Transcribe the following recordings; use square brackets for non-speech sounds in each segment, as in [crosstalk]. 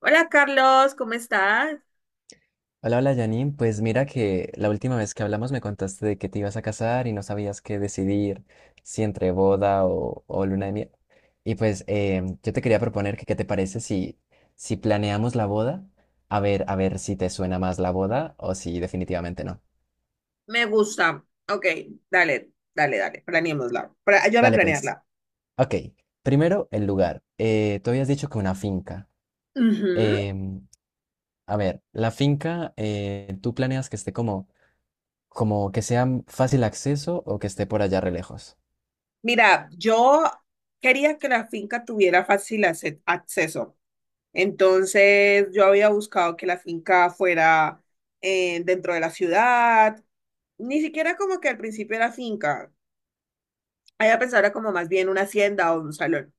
Hola Carlos, ¿cómo estás? Hola, hola Janine, pues mira que la última vez que hablamos me contaste de que te ibas a casar y no sabías qué decidir, si entre boda o luna de miel. Y pues yo te quería proponer que qué te parece si planeamos la boda. A ver si te suena más la boda o si definitivamente no. Me gusta. Ok, dale, dale, dale, planeémosla. Ayúdame a Dale pues. planearla. Ok, primero el lugar. Tú habías dicho que una finca. Ujú. Em, a ver, la finca, ¿tú planeas que esté como que sea fácil acceso o que esté por allá re lejos? Mira, yo quería que la finca tuviera fácil acceso. Entonces, yo había buscado que la finca fuera dentro de la ciudad. Ni siquiera como que al principio era finca. Había pensado era como más bien una hacienda o un salón.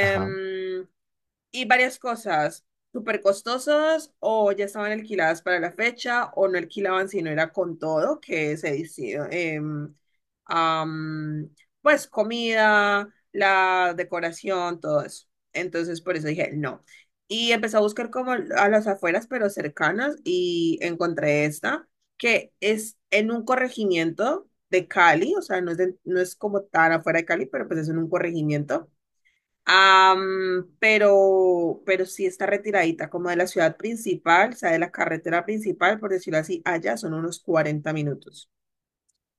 Ajá. Y varias cosas, súper costosas o ya estaban alquiladas para la fecha o no alquilaban si no era con todo, que se decía, am, pues comida, la decoración, todo eso. Entonces por eso dije no. Y empecé a buscar como a las afueras, pero cercanas, y encontré esta, que es en un corregimiento de Cali, o sea, no es, no es como tan afuera de Cali, pero pues es en un corregimiento. Am, pero sí está retiradita como de la ciudad principal, o sea, de la carretera principal, por decirlo así, allá son unos 40 minutos.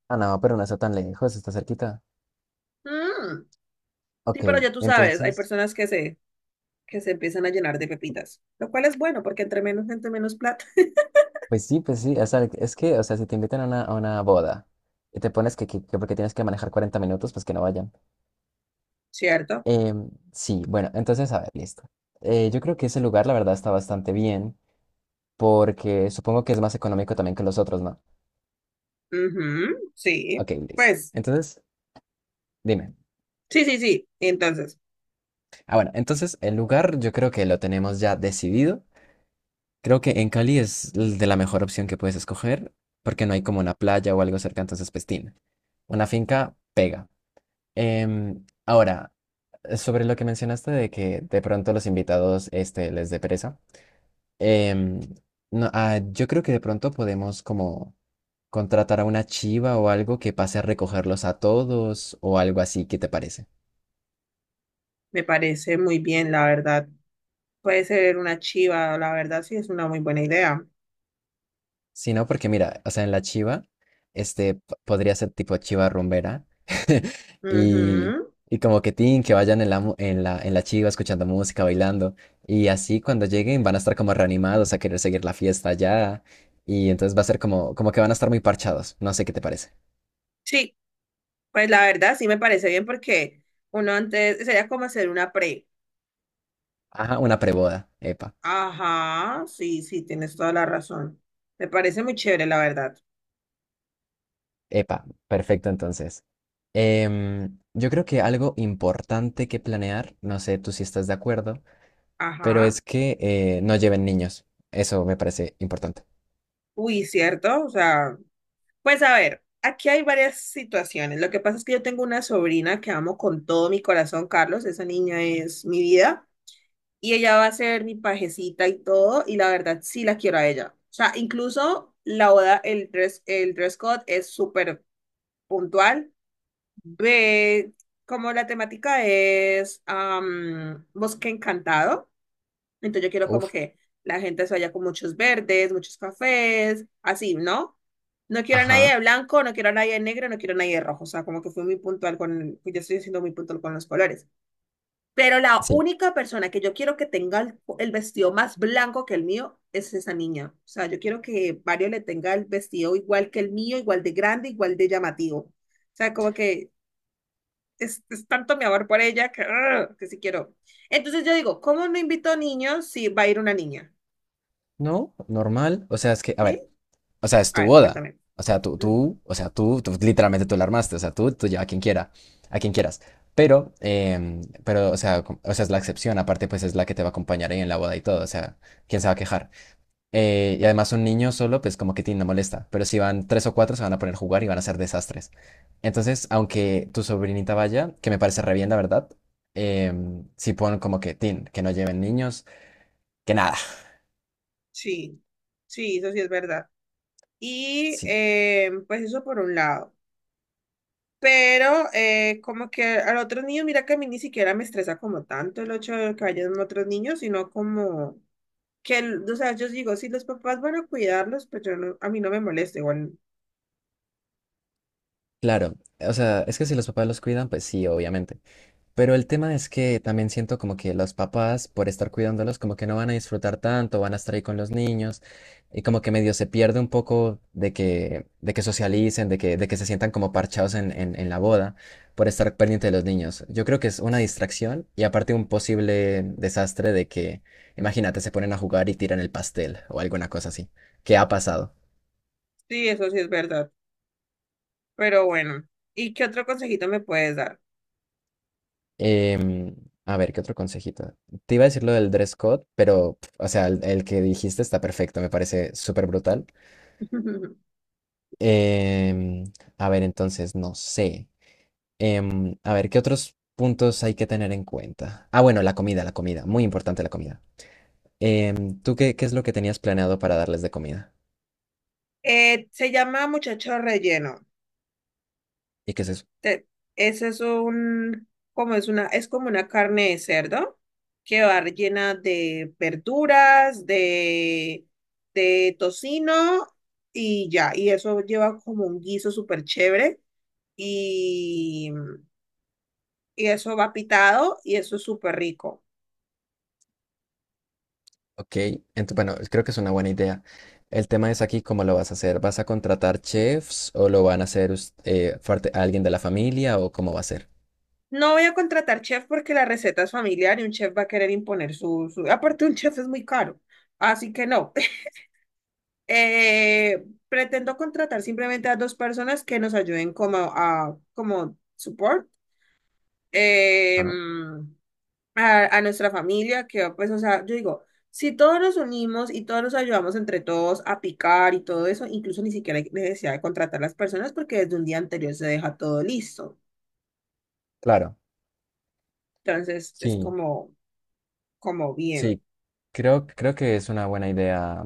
Ah, no, pero no está tan lejos, está cerquita. Mm, sí, Ok, pero ya tú sabes, hay entonces, personas que se empiezan a llenar de pepitas, lo cual es bueno porque entre menos gente, menos plata. Pues sí, o sea, es que, o sea, si te invitan a una boda y te pones que porque tienes que manejar 40 minutos, pues que no vayan. [laughs] ¿Cierto? Sí, bueno, entonces, a ver, listo. Yo creo que ese lugar, la verdad, está bastante bien, porque supongo que es más económico también que los otros, ¿no? Ujú, sí, Ok, listo. pues, Entonces, dime. sí, sí, sí. Entonces, Ah, bueno, entonces el lugar yo creo que lo tenemos ya decidido. Creo que en Cali es de la mejor opción que puedes escoger porque no hay como una playa o algo cerca, entonces pues tin, una finca pega. Ahora, sobre lo que mencionaste de que de pronto los invitados les dé pereza, em, no, ah, yo creo que de pronto podemos como contratar a una chiva o algo que pase a recogerlos a todos o algo así, ¿qué te parece? me parece muy bien, la verdad. Puede ser una chiva, la verdad, sí, es una muy buena idea. Sí, no, porque mira, o sea, en la chiva, podría ser tipo chiva rumbera. [laughs] Y, Ujú. y como que tin, que vayan en la, mu- en la chiva escuchando música, bailando. Y así cuando lleguen van a estar como reanimados a querer seguir la fiesta allá. Y entonces va a ser como que van a estar muy parchados. No sé qué te parece. Sí, pues la verdad sí me parece bien porque uno antes sería como hacer una pre. Ajá, una preboda. Epa, Ajá, sí, sí, tienes toda la razón. Me parece muy chévere, la verdad. epa, perfecto entonces. Yo creo que algo importante que planear, no sé tú si estás de acuerdo, pero Ajá. es que no lleven niños. Eso me parece importante. Uy, cierto. O sea, pues a ver, aquí hay varias situaciones. Lo que pasa es que yo tengo una sobrina que amo con todo mi corazón, Carlos. Esa niña es mi vida. Y ella va a ser mi pajecita y todo. Y la verdad sí la quiero a ella. O sea, incluso la boda, el dress code es súper puntual. Ve, como la temática es am, bosque encantado, entonces yo quiero como Uf, que la gente se vaya con muchos verdes, muchos cafés, así, ¿no? No quiero a nadie ajá. de blanco, no quiero a nadie de negro, no quiero a nadie de rojo, o sea, como que fui muy puntual con, yo estoy siendo muy puntual con los colores. Pero la Sí. única persona que yo quiero que tenga el vestido más blanco que el mío es esa niña. O sea, yo quiero que Mario le tenga el vestido igual que el mío, igual de grande, igual de llamativo. O sea, como que es tanto mi amor por ella que, ¡ah! Que sí quiero. Entonces yo digo, ¿cómo no invito a niños si va a ir una niña? No, normal. O sea, es que, a ¿Sí? ver, o sea, es A tu ver, boda. cuéntame. O sea, tú, Mm, tú, o sea, tú literalmente tú la armaste. O sea, tú lleva a quien quiera, a quien quieras. Pero, o sea, o sea, es la excepción. Aparte, pues es la que te va a acompañar ahí en la boda y todo. O sea, ¿quién se va a quejar? Y además un niño solo, pues como que tin, no molesta. Pero si van tres o cuatro, se van a poner a jugar y van a hacer desastres. Entonces, aunque tu sobrinita vaya, que me parece re bien, la verdad, sí pon como que tin, que no lleven niños, que nada. sí, sí, eso sí es verdad. Y Sí, pues eso por un lado. Pero como que al otro niño, mira que a mí ni siquiera me estresa como tanto el hecho de que vayan otros niños, sino como que, o sea, yo digo, si los papás van a cuidarlos, pues yo no, a mí no me molesta igual. claro. O sea, es que si los papás los cuidan, pues sí, obviamente. Pero el tema es que también siento como que los papás, por estar cuidándolos, como que no van a disfrutar tanto, van a estar ahí con los niños y como que medio se pierde un poco de que socialicen, de que se sientan como parchados en la boda por estar pendiente de los niños. Yo creo que es una distracción y aparte un posible desastre de que, imagínate, se ponen a jugar y tiran el pastel o alguna cosa así, ¿qué ha pasado? Sí, eso sí es verdad. Pero bueno, ¿y qué otro consejito me puedes dar? Em, a ver, ¿qué otro consejito? Te iba a decir lo del dress code, pero, o sea, el que dijiste está perfecto, me parece súper brutal. [laughs] Em, a ver, entonces, no sé. A ver, ¿qué otros puntos hay que tener en cuenta? Ah, bueno, la comida, muy importante la comida. ¿Tú qué es lo que tenías planeado para darles de comida? Se llama muchacho relleno. ¿Y qué es eso? Te- Ese es un, como es una, es como una carne de cerdo que va rellena de verduras, de tocino y ya. Y eso lleva como un guiso súper chévere y, y eso va pitado y eso es súper rico. Ok, bueno, creo que es una buena idea. El tema es aquí cómo lo vas a hacer. ¿Vas a contratar chefs o lo van a hacer alguien de la familia o cómo va a ser? No voy a contratar chef porque la receta es familiar y un chef va a querer imponer su, su... Aparte, un chef es muy caro. Así que no. [laughs] Eh, Pretendo contratar simplemente a dos personas que nos ayuden como a como support eh, Ajá, a nuestra familia, que pues, o sea, yo digo, si todos nos unimos y todos nos ayudamos entre todos a picar y todo eso, incluso ni siquiera hay necesidad de contratar las personas porque desde un día anterior se deja todo listo. claro, Entonces es sí, como, como bien. sí, creo que es una buena idea,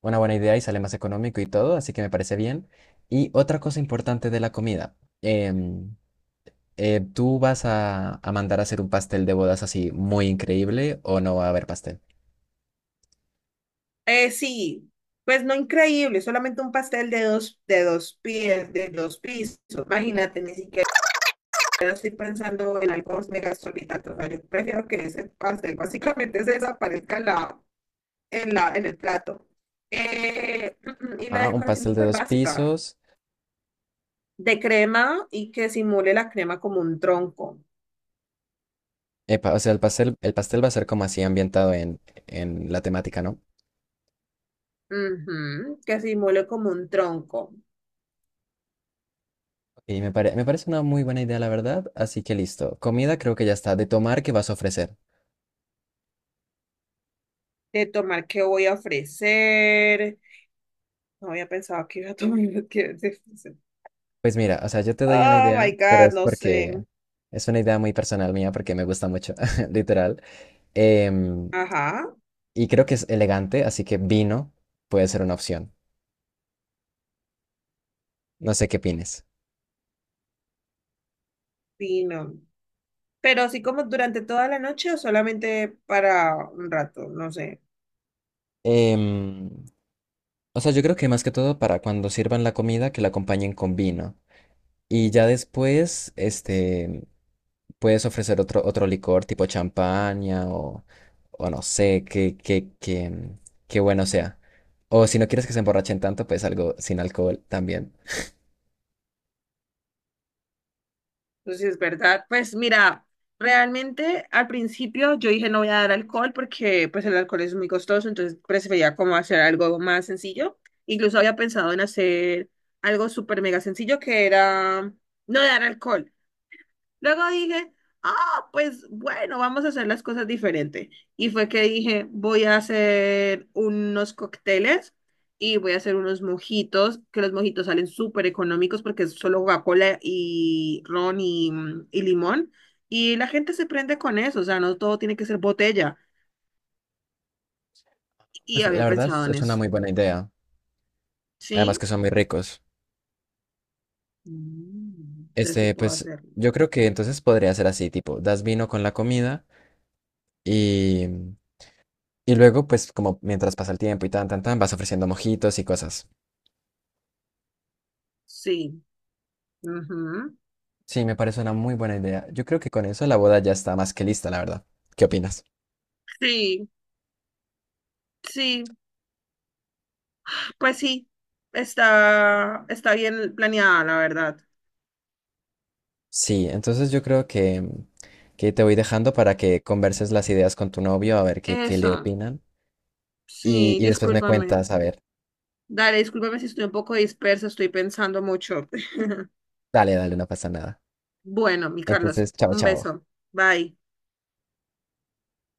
una buena idea, y sale más económico y todo, así que me parece bien. Y otra cosa importante de la comida, em, ¿tú vas a mandar a hacer un pastel de bodas así muy increíble o no va a haber pastel? Sí, pues no increíble, solamente un pastel de dos pies, de dos pisos. Imagínate, ni siquiera estoy pensando en algo mega solitario. O sea, yo prefiero que ese pastel básicamente se desaparezca en, la, en, la, en el plato. Y la Ajá, decoración un súper pastel de dos básica. pisos. De crema y que simule la crema como un tronco. Epa, o sea, el pastel va a ser como así ambientado en la temática, ¿no? Ujú, que simule como un tronco. Y me parece una muy buena idea, la verdad, así que listo. Comida creo que ya está. De tomar, ¿qué vas a ofrecer? De tomar qué voy a ofrecer. No había pensado que iba a tomar, [laughs] qué voy a ofrecer. Pues mira, o sea, yo te doy una Oh idea, my pero God, es no porque sé. es una idea muy personal mía, porque me gusta mucho, [laughs] literal. Em, Ajá, y creo que es elegante, así que vino puede ser una opción. No sé qué opines. vino. Pero así como durante toda la noche o solamente para un rato, no sé. Em, o sea, yo creo que más que todo para cuando sirvan la comida, que la acompañen con vino. Y ya después, puedes ofrecer otro licor tipo champaña, o no sé, qué bueno sea. O si no quieres que se emborrachen tanto, pues algo sin alcohol también. Entonces, es verdad. Pues mira, realmente al principio yo dije no voy a dar alcohol porque pues el alcohol es muy costoso, entonces prefería como hacer algo más sencillo. Incluso había pensado en hacer algo súper mega sencillo que era no dar alcohol. Luego dije, ah, pues bueno, vamos a hacer las cosas diferente. Y fue que dije, voy a hacer unos cócteles y voy a hacer unos mojitos, que los mojitos salen súper económicos porque es solo Coca-Cola y ron y, mm, y limón. Y la gente se prende con eso, o sea, no todo tiene que ser botella. Y Pues había la verdad pensado es en es una eso. muy buena idea. Además ¿Sí? que son muy ricos. Mm, entonces sí puedo Pues hacerlo. yo creo que entonces podría ser así, tipo, das vino con la comida y, y luego, pues como mientras pasa el tiempo y tan, tan, tan, vas ofreciendo mojitos y cosas. Sí. Ujú, Sí, me parece una muy buena idea. Yo creo que con eso la boda ya está más que lista, la verdad. ¿Qué opinas? sí, sí. Pues sí, está, está bien planeada, la verdad. Sí, entonces yo creo que te voy dejando para que converses las ideas con tu novio, a ver qué le Eso, opinan. Y, sí, y después me discúlpame. cuentas, a ver. Dale, discúlpame si estoy un poco dispersa, estoy pensando mucho. [laughs] Dale, dale, no pasa nada. Bueno, mi Carlos, Entonces, chao, un chao. beso. Bye.